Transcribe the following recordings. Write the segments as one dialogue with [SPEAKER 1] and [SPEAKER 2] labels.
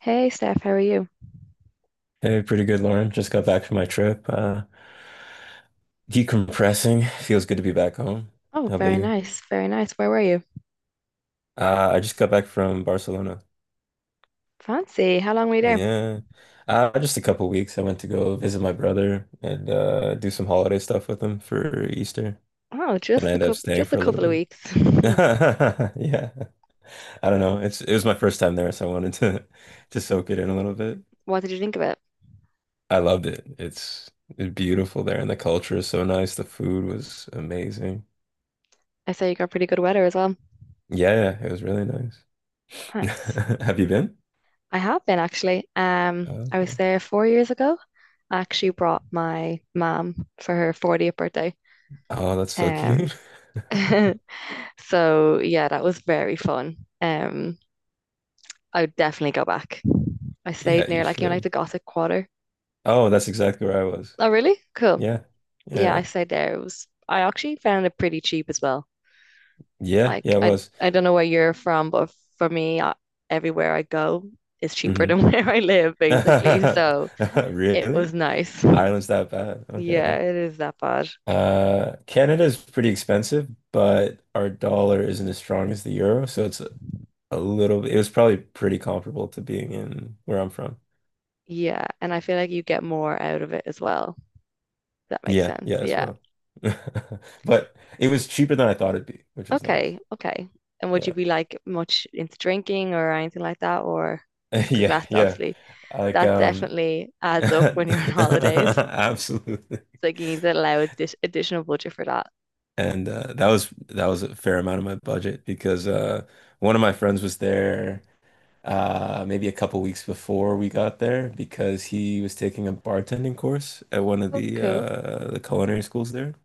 [SPEAKER 1] Hey Steph, how are you?
[SPEAKER 2] Hey, pretty good, Lauren. Just got back from my trip. Decompressing. Feels good to be back home.
[SPEAKER 1] Oh,
[SPEAKER 2] How about
[SPEAKER 1] very
[SPEAKER 2] you?
[SPEAKER 1] nice, very nice. Where were you?
[SPEAKER 2] I just got back from Barcelona.
[SPEAKER 1] Fancy. How long were you there?
[SPEAKER 2] Yeah. Just a couple weeks. I went to go visit my brother and do some holiday stuff with him for Easter.
[SPEAKER 1] Oh,
[SPEAKER 2] Then I ended up staying
[SPEAKER 1] just a
[SPEAKER 2] for a little
[SPEAKER 1] couple of
[SPEAKER 2] bit.
[SPEAKER 1] weeks.
[SPEAKER 2] Yeah. I don't know. It was my first time there, so I wanted to to soak it in a little bit.
[SPEAKER 1] What did you think of it?
[SPEAKER 2] I loved it. It's beautiful there, and the culture is so nice. The food was amazing.
[SPEAKER 1] I say you got pretty good weather as well.
[SPEAKER 2] Yeah, it was really nice.
[SPEAKER 1] Nice.
[SPEAKER 2] Have you been?
[SPEAKER 1] I have been actually.
[SPEAKER 2] Oh,
[SPEAKER 1] I was
[SPEAKER 2] okay.
[SPEAKER 1] there 4 years ago. I actually brought my mom for her 40th birthday.
[SPEAKER 2] Oh, that's so
[SPEAKER 1] Um,
[SPEAKER 2] cute.
[SPEAKER 1] so yeah, that was very fun. I would definitely go back. I stayed
[SPEAKER 2] Yeah, you
[SPEAKER 1] near like you know, like the
[SPEAKER 2] should.
[SPEAKER 1] Gothic Quarter.
[SPEAKER 2] Oh, that's exactly where I was.
[SPEAKER 1] Oh, really? Cool.
[SPEAKER 2] Yeah.
[SPEAKER 1] Yeah, I
[SPEAKER 2] Yeah.
[SPEAKER 1] stayed there. It was I actually found it pretty cheap as well.
[SPEAKER 2] Yeah.
[SPEAKER 1] Like
[SPEAKER 2] Yeah, I
[SPEAKER 1] I
[SPEAKER 2] was.
[SPEAKER 1] I don't know where you're from, but for me, I, everywhere I go is cheaper
[SPEAKER 2] Hmm.
[SPEAKER 1] than where I live, basically. So it
[SPEAKER 2] Really?
[SPEAKER 1] was nice.
[SPEAKER 2] Ireland's that bad.
[SPEAKER 1] Yeah,
[SPEAKER 2] Okay.
[SPEAKER 1] it is that bad.
[SPEAKER 2] Canada is pretty expensive, but our dollar isn't as strong as the euro, so it's a little it was probably pretty comparable to being in where I'm from.
[SPEAKER 1] Yeah, and I feel like you get more out of it as well. If that makes
[SPEAKER 2] Yeah,
[SPEAKER 1] sense.
[SPEAKER 2] yeah, as
[SPEAKER 1] Yeah.
[SPEAKER 2] well. But it was cheaper than I thought it'd be, which was nice.
[SPEAKER 1] Okay. Okay. And would you
[SPEAKER 2] Yeah.
[SPEAKER 1] be like much into drinking or anything like that, or just because
[SPEAKER 2] Yeah,
[SPEAKER 1] that's
[SPEAKER 2] yeah.
[SPEAKER 1] obviously
[SPEAKER 2] Like
[SPEAKER 1] that definitely adds up when you're on holidays. It's
[SPEAKER 2] absolutely.
[SPEAKER 1] like you need to allow additional budget for that.
[SPEAKER 2] And that was a fair amount of my budget because one of my friends was there maybe a couple weeks before we got there because he was taking a bartending course at one of
[SPEAKER 1] Oh,
[SPEAKER 2] the
[SPEAKER 1] cool.
[SPEAKER 2] the culinary schools there.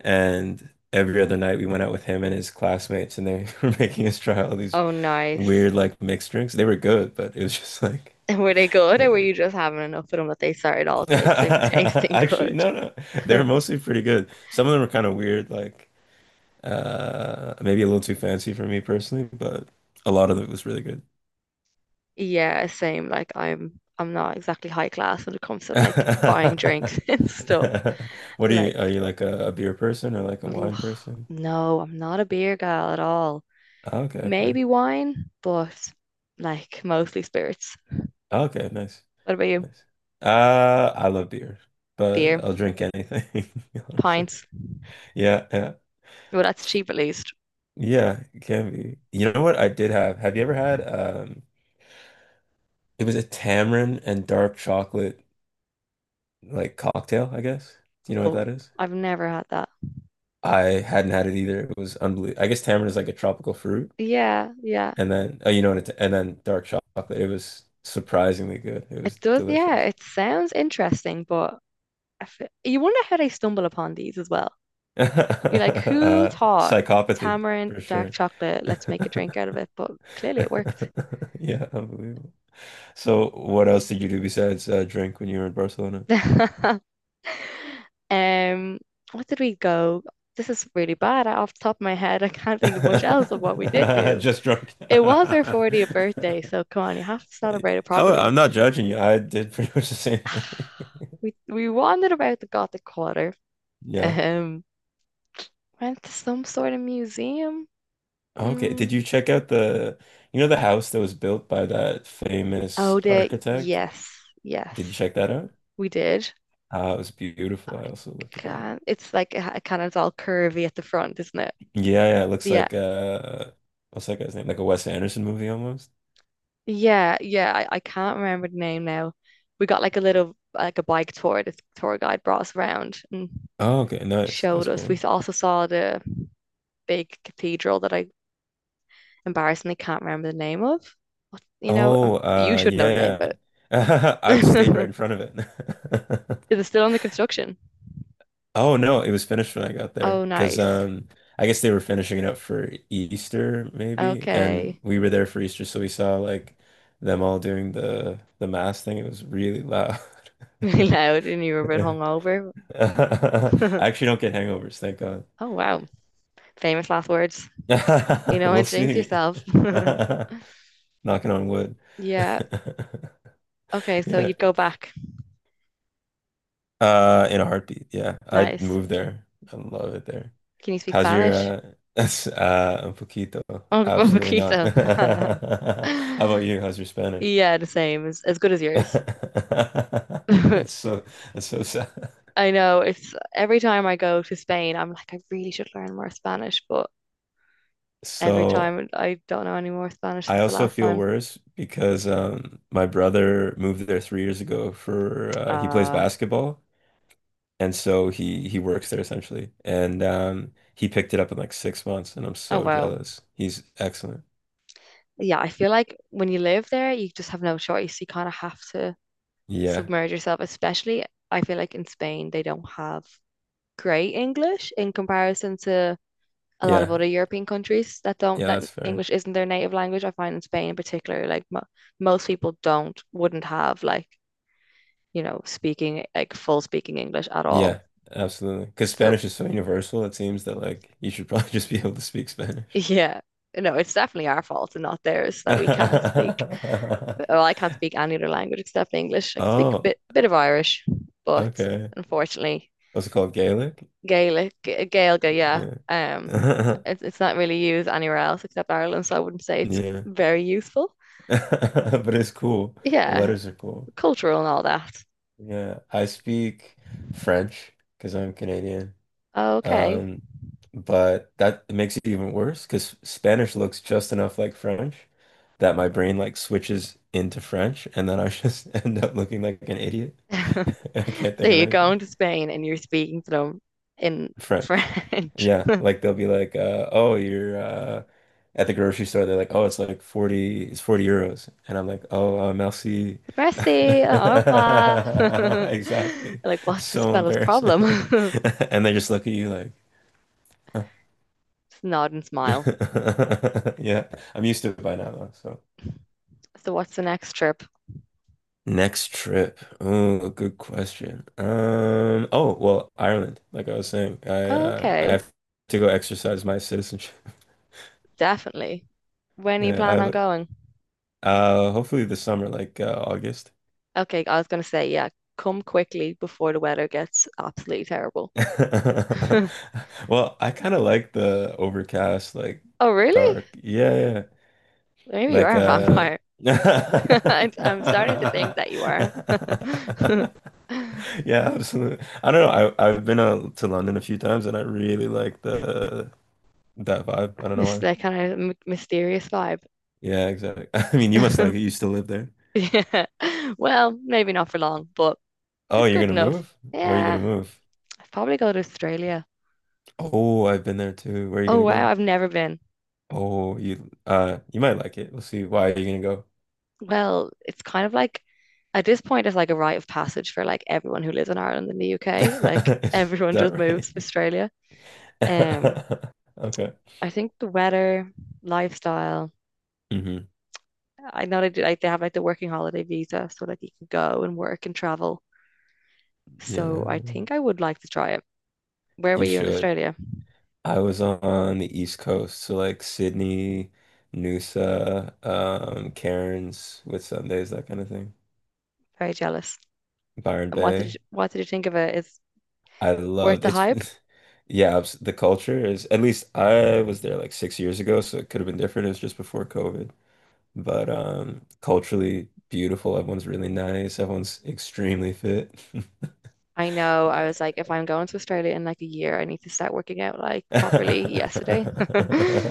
[SPEAKER 2] And every other night we went out with him and his classmates and they were making us try all these
[SPEAKER 1] Oh, nice.
[SPEAKER 2] weird like mixed drinks. They were good, but it was just like
[SPEAKER 1] And were they good, or were you just having enough of them that they started all tasting
[SPEAKER 2] actually,
[SPEAKER 1] good?
[SPEAKER 2] no. They were mostly pretty good. Some of them were kind of weird, like maybe a little too fancy for me personally, but a lot of it was really good.
[SPEAKER 1] Yeah, same. Like I'm not exactly high class when it comes to like buying drinks and stuff.
[SPEAKER 2] What
[SPEAKER 1] Like
[SPEAKER 2] are you like a beer person or like a wine
[SPEAKER 1] ugh,
[SPEAKER 2] person?
[SPEAKER 1] no, I'm not a beer gal at all.
[SPEAKER 2] Oh, okay, fair.
[SPEAKER 1] Maybe wine, but like mostly spirits.
[SPEAKER 2] Oh, okay, nice.
[SPEAKER 1] What about you?
[SPEAKER 2] Nice. I love beer, but
[SPEAKER 1] Beer,
[SPEAKER 2] I'll drink anything, honestly.
[SPEAKER 1] pints.
[SPEAKER 2] Yeah, yeah.
[SPEAKER 1] Well, that's cheap at least.
[SPEAKER 2] Yeah, it can be. You know what I did have? Have you ever had it was a tamarind and dark chocolate like cocktail, I guess. Do you know what
[SPEAKER 1] Oh,
[SPEAKER 2] that is?
[SPEAKER 1] I've never had that.
[SPEAKER 2] I hadn't had it either. It was unbelievable. I guess tamarind is like a tropical fruit,
[SPEAKER 1] Yeah, yeah.
[SPEAKER 2] and then oh, you know what? And then dark chocolate. It was surprisingly good. It
[SPEAKER 1] It
[SPEAKER 2] was
[SPEAKER 1] does, yeah,
[SPEAKER 2] delicious.
[SPEAKER 1] it sounds interesting, but you wonder how they stumble upon these as well. You're like, who thought
[SPEAKER 2] Psychopathy
[SPEAKER 1] tamarind,
[SPEAKER 2] for
[SPEAKER 1] dark
[SPEAKER 2] sure.
[SPEAKER 1] chocolate, let's make a drink out of it? But clearly it worked.
[SPEAKER 2] Yeah, unbelievable. So, what else did you do besides drink when you were in Barcelona?
[SPEAKER 1] Um, what did we go? This is really bad. I- Off the top of my head, I can't think of much else of what we did do.
[SPEAKER 2] Just drunk.
[SPEAKER 1] It was our 40th birthday, so come on, you have to celebrate it
[SPEAKER 2] Oh,
[SPEAKER 1] properly.
[SPEAKER 2] I'm not judging you. I did pretty much the same thing.
[SPEAKER 1] We wandered about the Gothic Quarter.
[SPEAKER 2] Yeah.
[SPEAKER 1] Um, went to some sort of museum.
[SPEAKER 2] Okay, did
[SPEAKER 1] Mm.
[SPEAKER 2] you check out you know, the house that was built by that famous
[SPEAKER 1] Oh, the
[SPEAKER 2] architect?
[SPEAKER 1] yes,
[SPEAKER 2] Did you
[SPEAKER 1] yes.
[SPEAKER 2] check that out?
[SPEAKER 1] We did.
[SPEAKER 2] Ah, it was beautiful.
[SPEAKER 1] I
[SPEAKER 2] I also looked at that.
[SPEAKER 1] can't. It it's all curvy at the front, isn't it?
[SPEAKER 2] Yeah, yeah, it looks
[SPEAKER 1] Yeah,
[SPEAKER 2] like what's that guy's name? Like a Wes Anderson movie almost.
[SPEAKER 1] yeah. I can't remember the name now. We got like a little like a bike tour. This tour guide brought us around and
[SPEAKER 2] Oh, okay, nice. That's
[SPEAKER 1] showed us. We
[SPEAKER 2] cool.
[SPEAKER 1] also saw the big cathedral that I embarrassingly can't remember the name of. What, you know,
[SPEAKER 2] Oh,
[SPEAKER 1] you should know the name of
[SPEAKER 2] yeah, yeah. I stayed right
[SPEAKER 1] it.
[SPEAKER 2] in front of it.
[SPEAKER 1] Is it still under construction?
[SPEAKER 2] Oh no, it was finished when I got
[SPEAKER 1] Oh,
[SPEAKER 2] there because
[SPEAKER 1] nice.
[SPEAKER 2] I guess they were finishing it up for Easter maybe, and
[SPEAKER 1] Okay.
[SPEAKER 2] we were there for Easter, so we saw like them all doing the mass thing. It was really loud.
[SPEAKER 1] Really loud, and you were a bit hungover.
[SPEAKER 2] I actually don't get hangovers, thank God.
[SPEAKER 1] Oh wow. Famous last words. You know,
[SPEAKER 2] We'll
[SPEAKER 1] and jinx
[SPEAKER 2] see.
[SPEAKER 1] yourself.
[SPEAKER 2] Knocking on wood.
[SPEAKER 1] Yeah. Okay, so
[SPEAKER 2] Yeah.
[SPEAKER 1] you'd go back.
[SPEAKER 2] In a heartbeat. Yeah, I'd
[SPEAKER 1] Nice.
[SPEAKER 2] move there. I love it there.
[SPEAKER 1] Can you speak
[SPEAKER 2] How's your
[SPEAKER 1] Spanish?
[SPEAKER 2] un poquito?
[SPEAKER 1] Oh,
[SPEAKER 2] Absolutely not.
[SPEAKER 1] poquito.
[SPEAKER 2] How about you? How's your Spanish?
[SPEAKER 1] Yeah, the same. As good as yours. I
[SPEAKER 2] That's so that's so sad.
[SPEAKER 1] know it's every time I go to Spain, I'm like, I really should learn more Spanish, but every
[SPEAKER 2] So
[SPEAKER 1] time I don't know any more Spanish
[SPEAKER 2] I
[SPEAKER 1] since the
[SPEAKER 2] also
[SPEAKER 1] last
[SPEAKER 2] feel
[SPEAKER 1] time.
[SPEAKER 2] worse because my brother moved there 3 years ago for he plays
[SPEAKER 1] Uh,
[SPEAKER 2] basketball and so he works there essentially and he picked it up in like 6 months and I'm
[SPEAKER 1] oh
[SPEAKER 2] so
[SPEAKER 1] well.
[SPEAKER 2] jealous. He's excellent.
[SPEAKER 1] Yeah, I feel like when you live there, you just have no choice. You kind of have to
[SPEAKER 2] Yeah.
[SPEAKER 1] submerge yourself, especially I feel like in Spain, they don't have great English in comparison to a lot of
[SPEAKER 2] Yeah.
[SPEAKER 1] other European countries that don't
[SPEAKER 2] Yeah,
[SPEAKER 1] that
[SPEAKER 2] that's fair.
[SPEAKER 1] English isn't their native language. I find in Spain in particular, like mo most people don't wouldn't have like you know speaking like full speaking English at all.
[SPEAKER 2] Yeah, absolutely. Because
[SPEAKER 1] So
[SPEAKER 2] Spanish is so universal, it seems that like you should probably just be able to speak Spanish.
[SPEAKER 1] yeah. No, it's definitely our fault and not theirs that we can't speak. Well, I can't speak any other language except English. I can speak a
[SPEAKER 2] Oh,
[SPEAKER 1] bit of Irish, but
[SPEAKER 2] okay.
[SPEAKER 1] unfortunately,
[SPEAKER 2] What's it called? Gaelic?
[SPEAKER 1] Gaelic, Gaelga, yeah.
[SPEAKER 2] Yeah.
[SPEAKER 1] It's not really used anywhere else except Ireland, so I wouldn't say it's
[SPEAKER 2] Yeah.
[SPEAKER 1] very useful.
[SPEAKER 2] But it's cool. The
[SPEAKER 1] Yeah,
[SPEAKER 2] letters are cool.
[SPEAKER 1] cultural and all that.
[SPEAKER 2] Yeah. I speak French because I'm Canadian.
[SPEAKER 1] Okay.
[SPEAKER 2] Um, but that it makes it even worse because Spanish looks just enough like French that my brain like switches into French and then I just end up looking like an idiot. I can't
[SPEAKER 1] So
[SPEAKER 2] think of
[SPEAKER 1] you're
[SPEAKER 2] anything.
[SPEAKER 1] going to Spain and you're speaking to them in
[SPEAKER 2] French.
[SPEAKER 1] French.
[SPEAKER 2] Yeah, like they'll be like, oh, you're at the grocery store. They're like, oh, it's like 40, it's €40. And I'm like, oh, merci.
[SPEAKER 1] Merci, au revoir.
[SPEAKER 2] Exactly.
[SPEAKER 1] Like, what's this
[SPEAKER 2] So
[SPEAKER 1] fella's problem?
[SPEAKER 2] embarrassing. And they just look at you like,
[SPEAKER 1] Just nod and smile.
[SPEAKER 2] yeah, I'm used to it by now though, so.
[SPEAKER 1] So what's the next trip?
[SPEAKER 2] Next trip. Oh, good question. Oh, well, Ireland, like I was saying, I
[SPEAKER 1] Okay,
[SPEAKER 2] have to go exercise my citizenship.
[SPEAKER 1] definitely. When do you plan on
[SPEAKER 2] Yeah,
[SPEAKER 1] going?
[SPEAKER 2] I hopefully this summer, like August.
[SPEAKER 1] Okay, I was gonna say, yeah, come quickly before the weather gets absolutely terrible.
[SPEAKER 2] Well, I kind of like the overcast, like
[SPEAKER 1] Oh, really?
[SPEAKER 2] dark. Yeah, yeah. Yeah.
[SPEAKER 1] Maybe you
[SPEAKER 2] Like
[SPEAKER 1] are a vampire. I'm starting to think that you are.
[SPEAKER 2] yeah, absolutely. I don't know. I've been to London a few times and I really like the that vibe. I don't know
[SPEAKER 1] Miss
[SPEAKER 2] why.
[SPEAKER 1] that kind of m mysterious vibe.
[SPEAKER 2] Yeah, exactly. I mean, you must like it. You still live there.
[SPEAKER 1] Yeah. Well, maybe not for long, but
[SPEAKER 2] Oh,
[SPEAKER 1] it's
[SPEAKER 2] you're
[SPEAKER 1] good
[SPEAKER 2] gonna
[SPEAKER 1] enough.
[SPEAKER 2] move? Where are you gonna
[SPEAKER 1] Yeah,
[SPEAKER 2] move?
[SPEAKER 1] I'd probably go to Australia.
[SPEAKER 2] Oh, I've been there too. Where are you
[SPEAKER 1] Oh,
[SPEAKER 2] gonna
[SPEAKER 1] wow,
[SPEAKER 2] go?
[SPEAKER 1] I've never been.
[SPEAKER 2] Oh, you you might like it. We'll see. Why are you gonna go?
[SPEAKER 1] Well, it's kind of like at this point it's like a rite of passage for like everyone who lives in Ireland and the UK. Like
[SPEAKER 2] Is
[SPEAKER 1] everyone
[SPEAKER 2] that
[SPEAKER 1] just
[SPEAKER 2] right?
[SPEAKER 1] moves to Australia. Um,
[SPEAKER 2] Okay.
[SPEAKER 1] I think the weather, lifestyle.
[SPEAKER 2] Hmm.
[SPEAKER 1] I know they do like they have like the working holiday visa, so like you can go and work and travel.
[SPEAKER 2] Yeah,
[SPEAKER 1] So I think I would like to try it. Where were
[SPEAKER 2] you
[SPEAKER 1] you in
[SPEAKER 2] should.
[SPEAKER 1] Australia?
[SPEAKER 2] I was on the East Coast, so like Sydney, Noosa, Cairns, with Sundays, that kind of thing.
[SPEAKER 1] Very jealous.
[SPEAKER 2] Byron
[SPEAKER 1] And
[SPEAKER 2] Bay.
[SPEAKER 1] what did you think of it? Is
[SPEAKER 2] I
[SPEAKER 1] worth
[SPEAKER 2] loved
[SPEAKER 1] the
[SPEAKER 2] it's
[SPEAKER 1] hype?
[SPEAKER 2] yeah, abs- the culture is at least I was there like 6 years ago, so it could have been different. It was just before COVID. But culturally beautiful, everyone's really nice, everyone's extremely fit.
[SPEAKER 1] I know
[SPEAKER 2] Yeah,
[SPEAKER 1] I was like, if I'm going to Australia in like a year, I need to start working out like properly
[SPEAKER 2] yeah,
[SPEAKER 1] yesterday.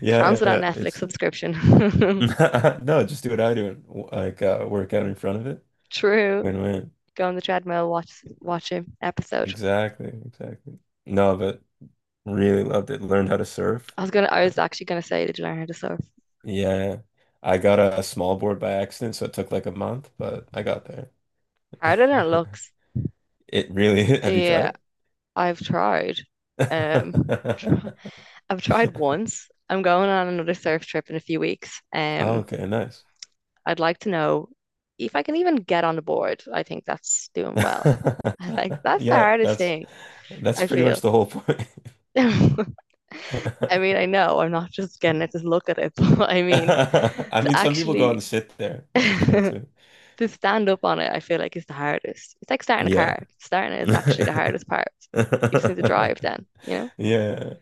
[SPEAKER 2] yeah.
[SPEAKER 1] Cancelled that
[SPEAKER 2] Yeah.
[SPEAKER 1] Netflix
[SPEAKER 2] It's
[SPEAKER 1] subscription.
[SPEAKER 2] no, just do what I do and like work out in front of it.
[SPEAKER 1] True.
[SPEAKER 2] Win-win.
[SPEAKER 1] Go on the treadmill, watch an episode.
[SPEAKER 2] Exactly, exactly. No, but really loved it. Learned how to surf.
[SPEAKER 1] I
[SPEAKER 2] Uh,
[SPEAKER 1] was actually gonna say, did you learn how to surf?
[SPEAKER 2] yeah, I got a small board by accident, so it took like a month, but I got there.
[SPEAKER 1] Harder than it looks.
[SPEAKER 2] It really, have you
[SPEAKER 1] Yeah,
[SPEAKER 2] tried?
[SPEAKER 1] I've tried. Um tr- I've tried once. I'm going on another surf trip in a few weeks.
[SPEAKER 2] Oh, okay, nice.
[SPEAKER 1] I'd like to know if I can even get on the board. I think that's doing well. I think that's the
[SPEAKER 2] Yeah,
[SPEAKER 1] hardest thing,
[SPEAKER 2] that's
[SPEAKER 1] I
[SPEAKER 2] pretty much
[SPEAKER 1] feel.
[SPEAKER 2] the whole point.
[SPEAKER 1] I mean, I know I'm not just gonna just look at it, but I mean,
[SPEAKER 2] I
[SPEAKER 1] to
[SPEAKER 2] mean, some people go out
[SPEAKER 1] actually
[SPEAKER 2] and sit there, which is chill
[SPEAKER 1] to
[SPEAKER 2] too.
[SPEAKER 1] stand up on it, I feel like is the hardest. It's like starting a
[SPEAKER 2] Yeah.
[SPEAKER 1] car. Starting it is actually the hardest part. You just need to drive then, you know?
[SPEAKER 2] Yeah,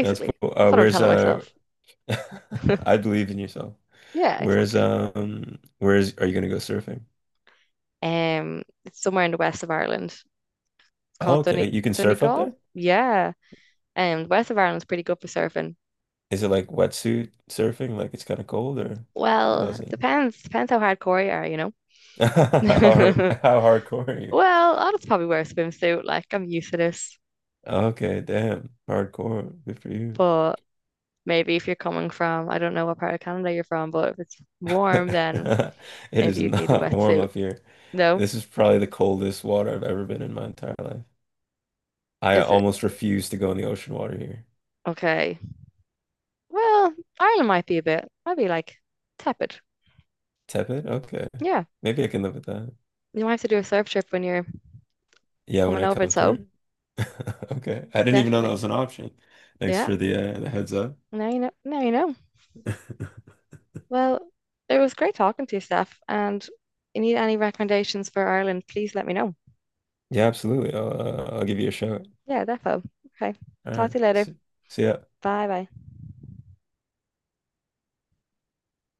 [SPEAKER 2] that's cool.
[SPEAKER 1] That's what I'm
[SPEAKER 2] Where's
[SPEAKER 1] telling myself.
[SPEAKER 2] I believe in yourself.
[SPEAKER 1] Yeah,
[SPEAKER 2] Where's
[SPEAKER 1] exactly.
[SPEAKER 2] um, where's are you gonna go surfing?
[SPEAKER 1] It's somewhere in the west of Ireland. It's
[SPEAKER 2] Oh,
[SPEAKER 1] called
[SPEAKER 2] okay,
[SPEAKER 1] Dun
[SPEAKER 2] you can surf up
[SPEAKER 1] Donegal.
[SPEAKER 2] there?
[SPEAKER 1] Yeah. The west of Ireland's pretty good for surfing.
[SPEAKER 2] Is it like wetsuit surfing? Like it's kind of cold, or how
[SPEAKER 1] Well,
[SPEAKER 2] is
[SPEAKER 1] it
[SPEAKER 2] it?
[SPEAKER 1] depends. Depends how hardcore you are, you
[SPEAKER 2] How hard,
[SPEAKER 1] know?
[SPEAKER 2] how hardcore are you?
[SPEAKER 1] Well, I'll probably wear a swimsuit. Like, I'm used to this.
[SPEAKER 2] Okay, damn, hardcore. Good for you.
[SPEAKER 1] But maybe if you're coming from, I don't know what part of Canada you're from, but if it's warm, then
[SPEAKER 2] It is
[SPEAKER 1] maybe you'd need a
[SPEAKER 2] not warm
[SPEAKER 1] wetsuit.
[SPEAKER 2] up here.
[SPEAKER 1] No?
[SPEAKER 2] This is probably the coldest water I've ever been in my entire life. I
[SPEAKER 1] Is it?
[SPEAKER 2] almost refuse to go in the ocean water here.
[SPEAKER 1] Okay. Well, Ireland might be a bit, might be like tepid.
[SPEAKER 2] Tepid? Okay.
[SPEAKER 1] Yeah.
[SPEAKER 2] Maybe I can live with that.
[SPEAKER 1] You might have to do a surf trip when you're
[SPEAKER 2] Yeah, when
[SPEAKER 1] coming
[SPEAKER 2] I
[SPEAKER 1] over.
[SPEAKER 2] come
[SPEAKER 1] So
[SPEAKER 2] through. Okay. I didn't even know that
[SPEAKER 1] definitely.
[SPEAKER 2] was an option. Thanks
[SPEAKER 1] Yeah.
[SPEAKER 2] for the heads up.
[SPEAKER 1] Now you know. Now you know. Well, it was great talking to you, Steph. And you need any recommendations for Ireland, please let me know.
[SPEAKER 2] Yeah, absolutely. I'll give you a shout.
[SPEAKER 1] Yeah, defo. Okay.
[SPEAKER 2] All
[SPEAKER 1] Talk
[SPEAKER 2] right.
[SPEAKER 1] to you later.
[SPEAKER 2] See, see ya.
[SPEAKER 1] Bye bye.